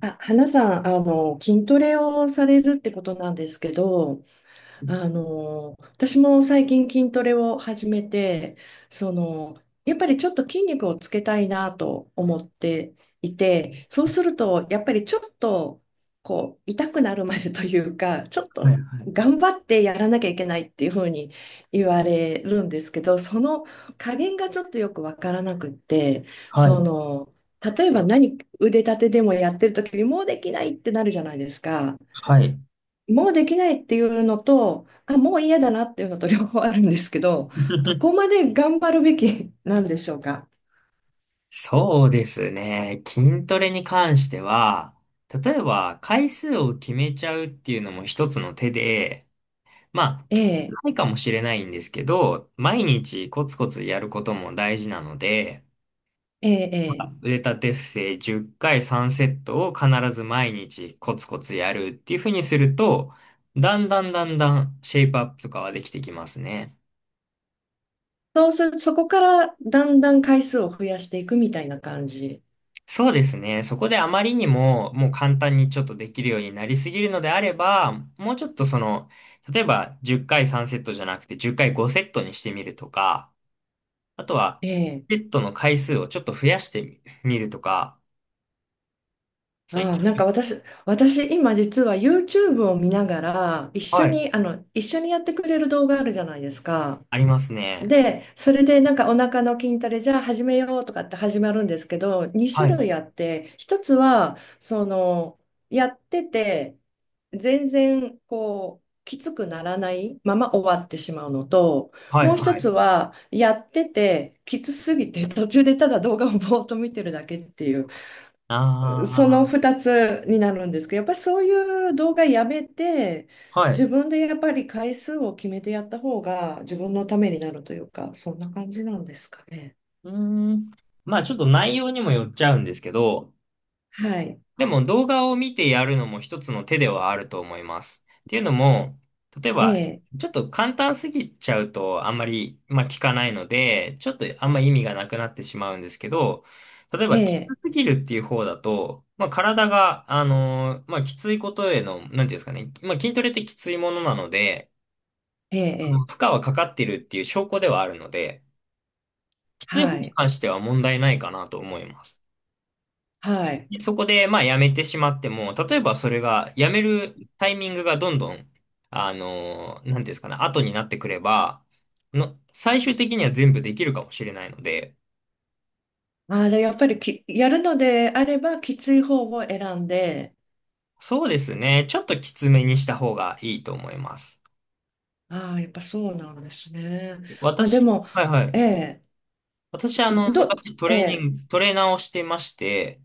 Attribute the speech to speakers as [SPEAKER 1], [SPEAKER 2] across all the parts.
[SPEAKER 1] 花さん、筋トレをされるってことなんですけど、私も最近筋トレを始めて、やっぱりちょっと筋肉をつけたいなと思っていて、そうすると、やっぱりちょっと、こう、痛くなるまでというか、ちょっ
[SPEAKER 2] はいは
[SPEAKER 1] と
[SPEAKER 2] い。
[SPEAKER 1] 頑張ってやらなきゃいけないっていうふうに言われるんですけど、その加減がちょっとよくわからなくって、
[SPEAKER 2] は
[SPEAKER 1] そ
[SPEAKER 2] い。
[SPEAKER 1] の、例えば何、腕立てでもやってる時にもうできないってなるじゃないですか。
[SPEAKER 2] はい。
[SPEAKER 1] もうできないっていうのと、もう嫌だなっていうのと両方あるんですけど、どこまで頑張るべきなんでしょうか。
[SPEAKER 2] そうですね。筋トレに関しては、例えば回数を決めちゃうっていうのも一つの手で、まあ、
[SPEAKER 1] え
[SPEAKER 2] きつく
[SPEAKER 1] え、
[SPEAKER 2] ないかもしれないんですけど、毎日コツコツやることも大事なので、
[SPEAKER 1] ええ、ええ。
[SPEAKER 2] 腕立て伏せ10回3セットを必ず毎日コツコツやるっていうふうにすると、だんだんシェイプアップとかはできてきますね。
[SPEAKER 1] そうする、そこからだんだん回数を増やしていくみたいな感じ。
[SPEAKER 2] そうですね。そこであまりにも、もう簡単にちょっとできるようになりすぎるのであれば、もうちょっとその、例えば10回3セットじゃなくて10回5セットにしてみるとか、あとは、
[SPEAKER 1] ええ。
[SPEAKER 2] セットの回数をちょっと増やしてみるとか、そういっ
[SPEAKER 1] ああ、私今実は YouTube を見ながら、一
[SPEAKER 2] た
[SPEAKER 1] 緒
[SPEAKER 2] はい、
[SPEAKER 1] に、一緒にやってくれる動画あるじゃないですか。
[SPEAKER 2] ありますね。
[SPEAKER 1] で、それでなんかお腹の筋トレじゃあ始めようとかって始まるんですけど、2
[SPEAKER 2] は
[SPEAKER 1] 種
[SPEAKER 2] い。
[SPEAKER 1] 類あって、一つは、やってて、全然こう、きつくならないまま終わってしまうのと、
[SPEAKER 2] はい、
[SPEAKER 1] もう一
[SPEAKER 2] は
[SPEAKER 1] つ
[SPEAKER 2] い。
[SPEAKER 1] は、やってて、きつすぎて途中でただ動画をぼーっと見てるだけっていう。その
[SPEAKER 2] あ
[SPEAKER 1] 2つになるんですけど、やっぱりそういう動画やめて、
[SPEAKER 2] あ、は
[SPEAKER 1] 自
[SPEAKER 2] い。
[SPEAKER 1] 分でやっぱり回数を決めてやった方が自分のためになるというか、そんな感じなんですかね。
[SPEAKER 2] うーん。まあちょっと内容にもよっちゃうんですけど、
[SPEAKER 1] はい。
[SPEAKER 2] でも動画を見てやるのも一つの手ではあると思います。っていうのも、例え
[SPEAKER 1] え
[SPEAKER 2] ば、
[SPEAKER 1] え、
[SPEAKER 2] ちょっと簡単すぎちゃうとあんまり、まあ、聞かないので、ちょっとあんま意味がなくなってしまうんですけど、例え
[SPEAKER 1] え
[SPEAKER 2] ば、きつ
[SPEAKER 1] え、
[SPEAKER 2] すぎるっていう方だと、まあ、体が、まあ、きついことへの、なんていうんですかね、まあ、筋トレってきついものなので、
[SPEAKER 1] え
[SPEAKER 2] あ
[SPEAKER 1] え、
[SPEAKER 2] の
[SPEAKER 1] え
[SPEAKER 2] 負
[SPEAKER 1] え
[SPEAKER 2] 荷はかかってるっていう証拠ではあるので、きつい方
[SPEAKER 1] は
[SPEAKER 2] に
[SPEAKER 1] い、
[SPEAKER 2] 関しては問題ないかなと思います。
[SPEAKER 1] はい。
[SPEAKER 2] そこで、まあ、辞めてしまっても、例えばそれが、辞めるタイミングがどんどん、なんていうんですかね、後になってくれば、の、最終的には全部できるかもしれないので、
[SPEAKER 1] ああ、じゃあやっぱりやるのであれば、きつい方を選んで、
[SPEAKER 2] そうですね、ちょっときつめにした方がいいと思います。
[SPEAKER 1] ああ、やっぱそうなんですね。で
[SPEAKER 2] 私、
[SPEAKER 1] も、
[SPEAKER 2] はいは
[SPEAKER 1] え
[SPEAKER 2] い。
[SPEAKER 1] え、
[SPEAKER 2] 私、あの、昔
[SPEAKER 1] ええ、
[SPEAKER 2] トレーナーをしてまして、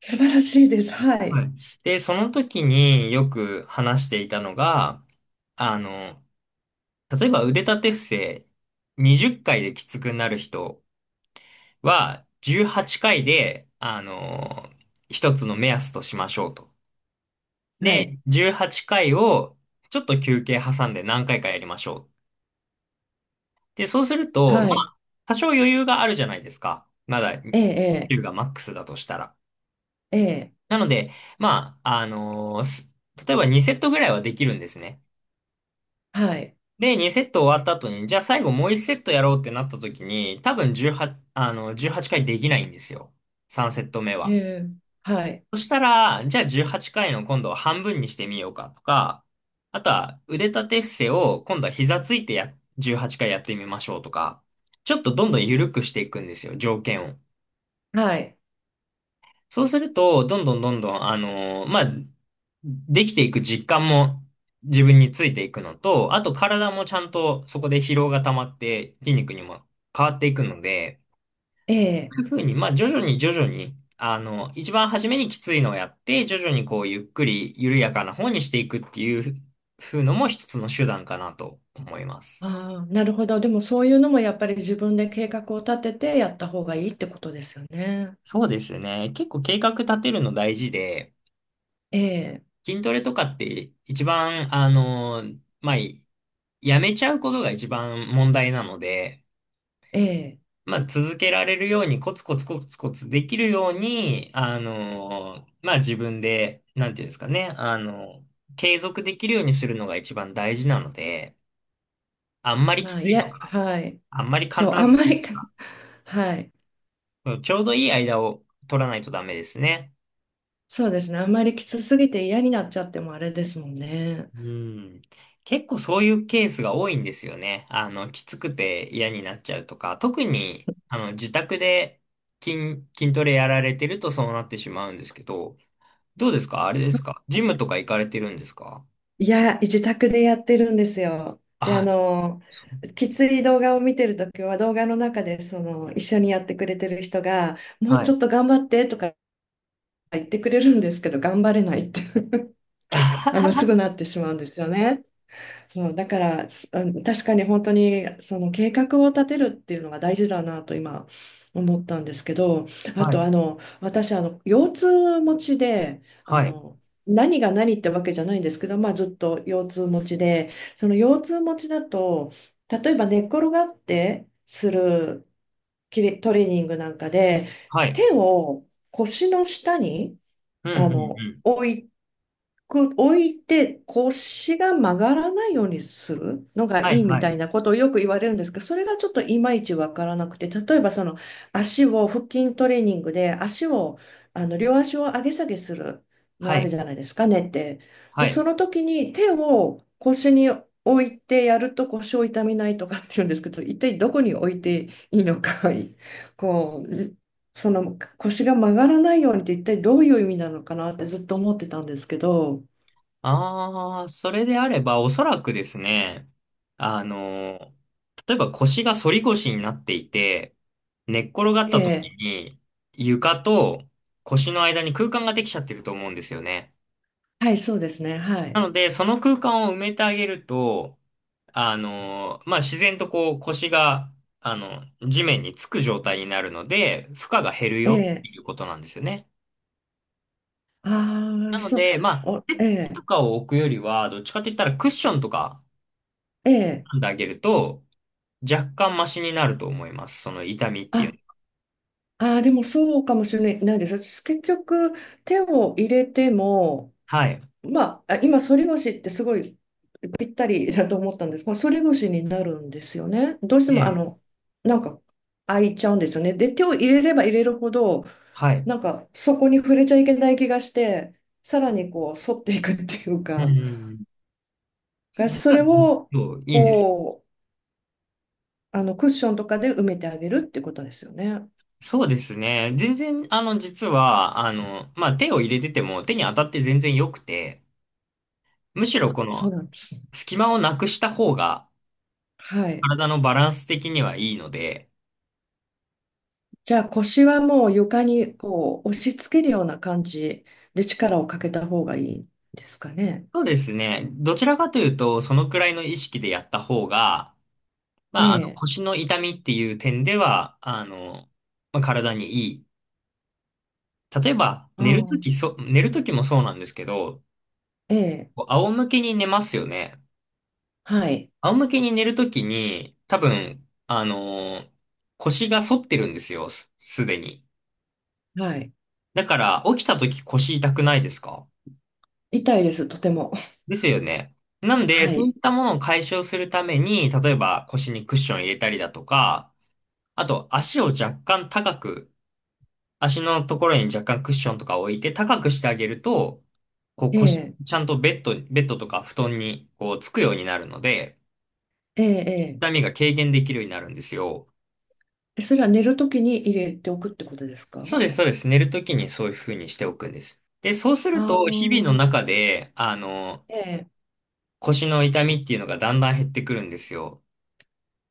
[SPEAKER 1] 素晴らしいです。は
[SPEAKER 2] は
[SPEAKER 1] い、
[SPEAKER 2] い。で、その時によく話していたのが、あの、例えば腕立て伏せ20回できつくなる人、は、18回で、一つの目安としましょうと。
[SPEAKER 1] は
[SPEAKER 2] で、
[SPEAKER 1] い、
[SPEAKER 2] 18回を、ちょっと休憩挟んで何回かやりましょう。で、そうすると、ま
[SPEAKER 1] はい、
[SPEAKER 2] あ、多少余裕があるじゃないですか。まだ、
[SPEAKER 1] ええ、
[SPEAKER 2] 9がマックスだとしたら。
[SPEAKER 1] ええ、ええ。
[SPEAKER 2] なので、まあ、あのーす例えば2セットぐらいはできるんですね。
[SPEAKER 1] はい。
[SPEAKER 2] で、2セット終わった後に、じゃあ最後もう1セットやろうってなった時に、多分18、あの、18回できないんですよ。3セット目
[SPEAKER 1] え
[SPEAKER 2] は。
[SPEAKER 1] え、はい。
[SPEAKER 2] そしたら、じゃあ18回の今度は半分にしてみようかとか、あとは腕立て伏せを今度は膝ついてや、18回やってみましょうとか、ちょっとどんどん緩くしていくんですよ、条件を。
[SPEAKER 1] はい。
[SPEAKER 2] そうすると、どんどん、まあ、できていく実感も自分についていくのと、あと体もちゃんとそこで疲労が溜まって筋肉にも変わっていくので、
[SPEAKER 1] ええ。
[SPEAKER 2] いうふうに、まあ、徐々に、あの、一番初めにきついのをやって、徐々にこう、ゆっくり緩やかな方にしていくっていうふうのも一つの手段かなと思います。
[SPEAKER 1] ああ、なるほど。でもそういうのもやっぱり自分で計画を立ててやった方がいいってことですよね。
[SPEAKER 2] そうですね。結構計画立てるの大事で、
[SPEAKER 1] ええ、
[SPEAKER 2] 筋トレとかって一番、あの、まあ、やめちゃうことが一番問題なので、
[SPEAKER 1] ええ。
[SPEAKER 2] まあ、続けられるように、コツコツできるように、あの、まあ、自分で、なんていうんですかね、あの、継続できるようにするのが一番大事なので、あんまりき
[SPEAKER 1] まあ、
[SPEAKER 2] つ
[SPEAKER 1] い
[SPEAKER 2] いと
[SPEAKER 1] や、
[SPEAKER 2] か、
[SPEAKER 1] はい。
[SPEAKER 2] あんまり簡
[SPEAKER 1] そう、あ
[SPEAKER 2] 単
[SPEAKER 1] ん
[SPEAKER 2] す
[SPEAKER 1] ま
[SPEAKER 2] ぎ
[SPEAKER 1] り
[SPEAKER 2] る。
[SPEAKER 1] はい。
[SPEAKER 2] うんちょうどいい間を取らないとダメですね。
[SPEAKER 1] そうですね。あんまりきつすぎて嫌になっちゃってもあれですもんね。
[SPEAKER 2] うん。結構そういうケースが多いんですよね。あの、きつくて嫌になっちゃうとか、特に、あの、自宅で筋トレやられてるとそうなってしまうんですけど、どうですかあれですかジムとか行かれてるんですか
[SPEAKER 1] いや、自宅でやってるんですよ。で、
[SPEAKER 2] あ、そう。
[SPEAKER 1] きつい動画を見てるときは、動画の中でその一緒にやってくれてる人が、もう
[SPEAKER 2] は
[SPEAKER 1] ち
[SPEAKER 2] い。
[SPEAKER 1] ょっと頑張ってとか言ってくれるんですけど、頑張れないって すぐなっ てしまうんですよね。そう、だから、あの確かに本当に、その計画を立てるっていうのが大事だなと今思ったんですけど、あ
[SPEAKER 2] は
[SPEAKER 1] と、
[SPEAKER 2] い。
[SPEAKER 1] 私、腰痛持ちで、
[SPEAKER 2] はい。
[SPEAKER 1] 何が何ってわけじゃないんですけど、まあ、ずっと腰痛持ちで、その腰痛持ちだと、例えば寝っ転がってするキレトレーニングなんかで、
[SPEAKER 2] はい。
[SPEAKER 1] 手を腰の下に、
[SPEAKER 2] うんう
[SPEAKER 1] あ
[SPEAKER 2] んう
[SPEAKER 1] の、
[SPEAKER 2] ん。
[SPEAKER 1] 置い置いて腰が曲がらないようにするのが
[SPEAKER 2] はい、
[SPEAKER 1] いいみ
[SPEAKER 2] は
[SPEAKER 1] た
[SPEAKER 2] い。
[SPEAKER 1] いなことをよく言われるんですけど、それがちょっといまいちわからなくて、例えばその腹筋トレーニングで足を、両足を上げ下げするの
[SPEAKER 2] は
[SPEAKER 1] ある
[SPEAKER 2] い。
[SPEAKER 1] じゃないですか、ねって。
[SPEAKER 2] は
[SPEAKER 1] で、そ
[SPEAKER 2] い。
[SPEAKER 1] の時に手を腰に置いてやると腰を痛めないとかっていうんですけど、一体どこに置いていいのか、こう、その腰が曲がらないようにって一体どういう意味なのかなってずっと思ってたんですけど、
[SPEAKER 2] ああ、それであれば、おそらくですね、あの、例えば腰が反り腰になっていて、寝っ転がっ
[SPEAKER 1] え
[SPEAKER 2] た時
[SPEAKER 1] え、
[SPEAKER 2] に、床と腰の間に空間ができちゃってると思うんですよね。
[SPEAKER 1] はい、そうですね、は
[SPEAKER 2] な
[SPEAKER 1] い。
[SPEAKER 2] ので、その空間を埋めてあげると、あの、まあ、自然とこう腰が、あの、地面につく状態になるので、負荷が減る
[SPEAKER 1] え
[SPEAKER 2] よって
[SPEAKER 1] え、
[SPEAKER 2] いうことなんですよね。
[SPEAKER 1] ああ、
[SPEAKER 2] なの
[SPEAKER 1] そう、
[SPEAKER 2] で、まあ、
[SPEAKER 1] お、え
[SPEAKER 2] 手と
[SPEAKER 1] え、
[SPEAKER 2] かを置くよりは、どっちかって言ったらクッションとか
[SPEAKER 1] ええ、
[SPEAKER 2] 編んであげると、若干マシになると思います。その痛みってい
[SPEAKER 1] あ、
[SPEAKER 2] う。
[SPEAKER 1] あー、でもそうかもしれないです。私結局手を入れても、
[SPEAKER 2] はい。
[SPEAKER 1] まあ、あ今、反り腰ってすごいぴったりだと思ったんですが、反り腰になるんですよね。どうして
[SPEAKER 2] う
[SPEAKER 1] も、
[SPEAKER 2] ん。
[SPEAKER 1] なんか開いちゃうんですよね。で、手を入れれば入れるほど、
[SPEAKER 2] はい。
[SPEAKER 1] なんかそこに触れちゃいけない気がして、さらにこう反っていくっていう
[SPEAKER 2] う
[SPEAKER 1] か、
[SPEAKER 2] ん。
[SPEAKER 1] が
[SPEAKER 2] 実
[SPEAKER 1] そ
[SPEAKER 2] は、
[SPEAKER 1] れを
[SPEAKER 2] そう、いいんです。
[SPEAKER 1] こう、クッションとかで埋めてあげるってことですよね。
[SPEAKER 2] そうですね。全然、あの、実は、あの、まあ、手を入れてても、手に当たって全然良くて、むしろこ
[SPEAKER 1] そう
[SPEAKER 2] の
[SPEAKER 1] なんです。
[SPEAKER 2] 隙間をなくした方が
[SPEAKER 1] はい。
[SPEAKER 2] 体のバランス的にはいいので、
[SPEAKER 1] じゃあ腰はもう床にこう押し付けるような感じで力をかけた方がいいですかね。
[SPEAKER 2] そうですね。どちらかというと、そのくらいの意識でやった方が、
[SPEAKER 1] え
[SPEAKER 2] まあ、あの
[SPEAKER 1] え。
[SPEAKER 2] 腰の痛みっていう点では、あの、まあ、体にいい。例えば、
[SPEAKER 1] ああ、
[SPEAKER 2] 寝るときもそうなんですけど、
[SPEAKER 1] ええ。
[SPEAKER 2] こう仰向けに寝ますよね。
[SPEAKER 1] はい。
[SPEAKER 2] 仰向けに寝るときに、多分、あの、腰が反ってるんですよ、すでに。
[SPEAKER 1] はい。
[SPEAKER 2] だから、起きたとき腰痛くないですか
[SPEAKER 1] 痛いです、とても。
[SPEAKER 2] ですよね。なん で、
[SPEAKER 1] は
[SPEAKER 2] そうい
[SPEAKER 1] い。
[SPEAKER 2] ったものを解消するために、例えば腰にクッション入れたりだとか、あと足を若干高く、足のところに若干クッションとか置いて高くしてあげると、こう
[SPEAKER 1] え
[SPEAKER 2] 腰、
[SPEAKER 1] え。
[SPEAKER 2] ちゃんとベッドとか布団にこうつくようになるので、
[SPEAKER 1] ええ。
[SPEAKER 2] 痛みが軽減できるようになるんですよ。
[SPEAKER 1] ええ。それは寝るときに入れておくってことですか。
[SPEAKER 2] そうです、そうです。寝るときにそういうふうにしておくんです。で、そうする
[SPEAKER 1] あ
[SPEAKER 2] と、
[SPEAKER 1] あ、
[SPEAKER 2] 日々の中で、あの、
[SPEAKER 1] ええ。
[SPEAKER 2] 腰の痛みっていうのがだんだん減ってくるんですよ。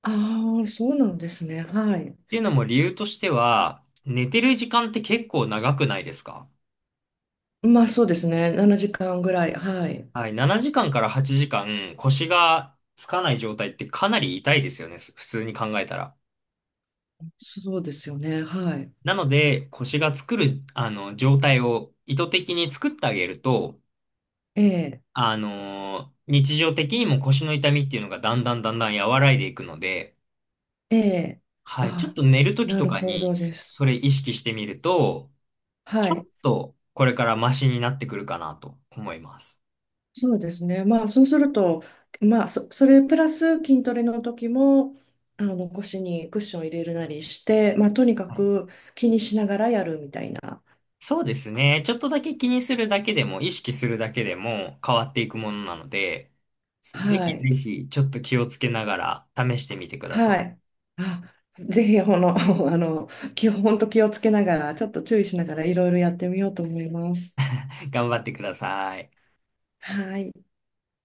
[SPEAKER 1] ああ、そうなんですね。はい。
[SPEAKER 2] っていうのも理由としては、寝てる時間って結構長くないですか
[SPEAKER 1] まあそうですね。7時間ぐらい。はい。
[SPEAKER 2] はい、7時間かんから8時間腰がつかない状態ってかなり痛いですよね、普通に考えたら。
[SPEAKER 1] そうですよね。はい。
[SPEAKER 2] なので、腰が作る、あの、状態を意図的に作ってあげると、
[SPEAKER 1] ええ、
[SPEAKER 2] あのー日常的にも腰の痛みっていうのがだんだん和らいでいくので、
[SPEAKER 1] ええ。
[SPEAKER 2] はい、ちょっ
[SPEAKER 1] ああ、
[SPEAKER 2] と寝るとき
[SPEAKER 1] な
[SPEAKER 2] と
[SPEAKER 1] る
[SPEAKER 2] か
[SPEAKER 1] ほ
[SPEAKER 2] に
[SPEAKER 1] どです。
[SPEAKER 2] それ意識してみると、
[SPEAKER 1] は
[SPEAKER 2] ちょっ
[SPEAKER 1] い。
[SPEAKER 2] とこれからマシになってくるかなと思います。
[SPEAKER 1] そうですね。まあそうすると、それプラス筋トレの時も、あの腰にクッション入れるなりして、まあとにか
[SPEAKER 2] はい
[SPEAKER 1] く気にしながらやるみたいな。
[SPEAKER 2] そうですね。ちょっとだけ気にするだけでも、意識するだけでも変わっていくものなので、そうぜ
[SPEAKER 1] は
[SPEAKER 2] ひぜ
[SPEAKER 1] い。
[SPEAKER 2] ひちょっと気をつけながら試してみてくださ
[SPEAKER 1] はい。あ、ぜひ、この、あの、本当気をつけながら、ちょっと注意しながら、いろいろやってみようと思います。
[SPEAKER 2] い。頑張ってください。
[SPEAKER 1] はい。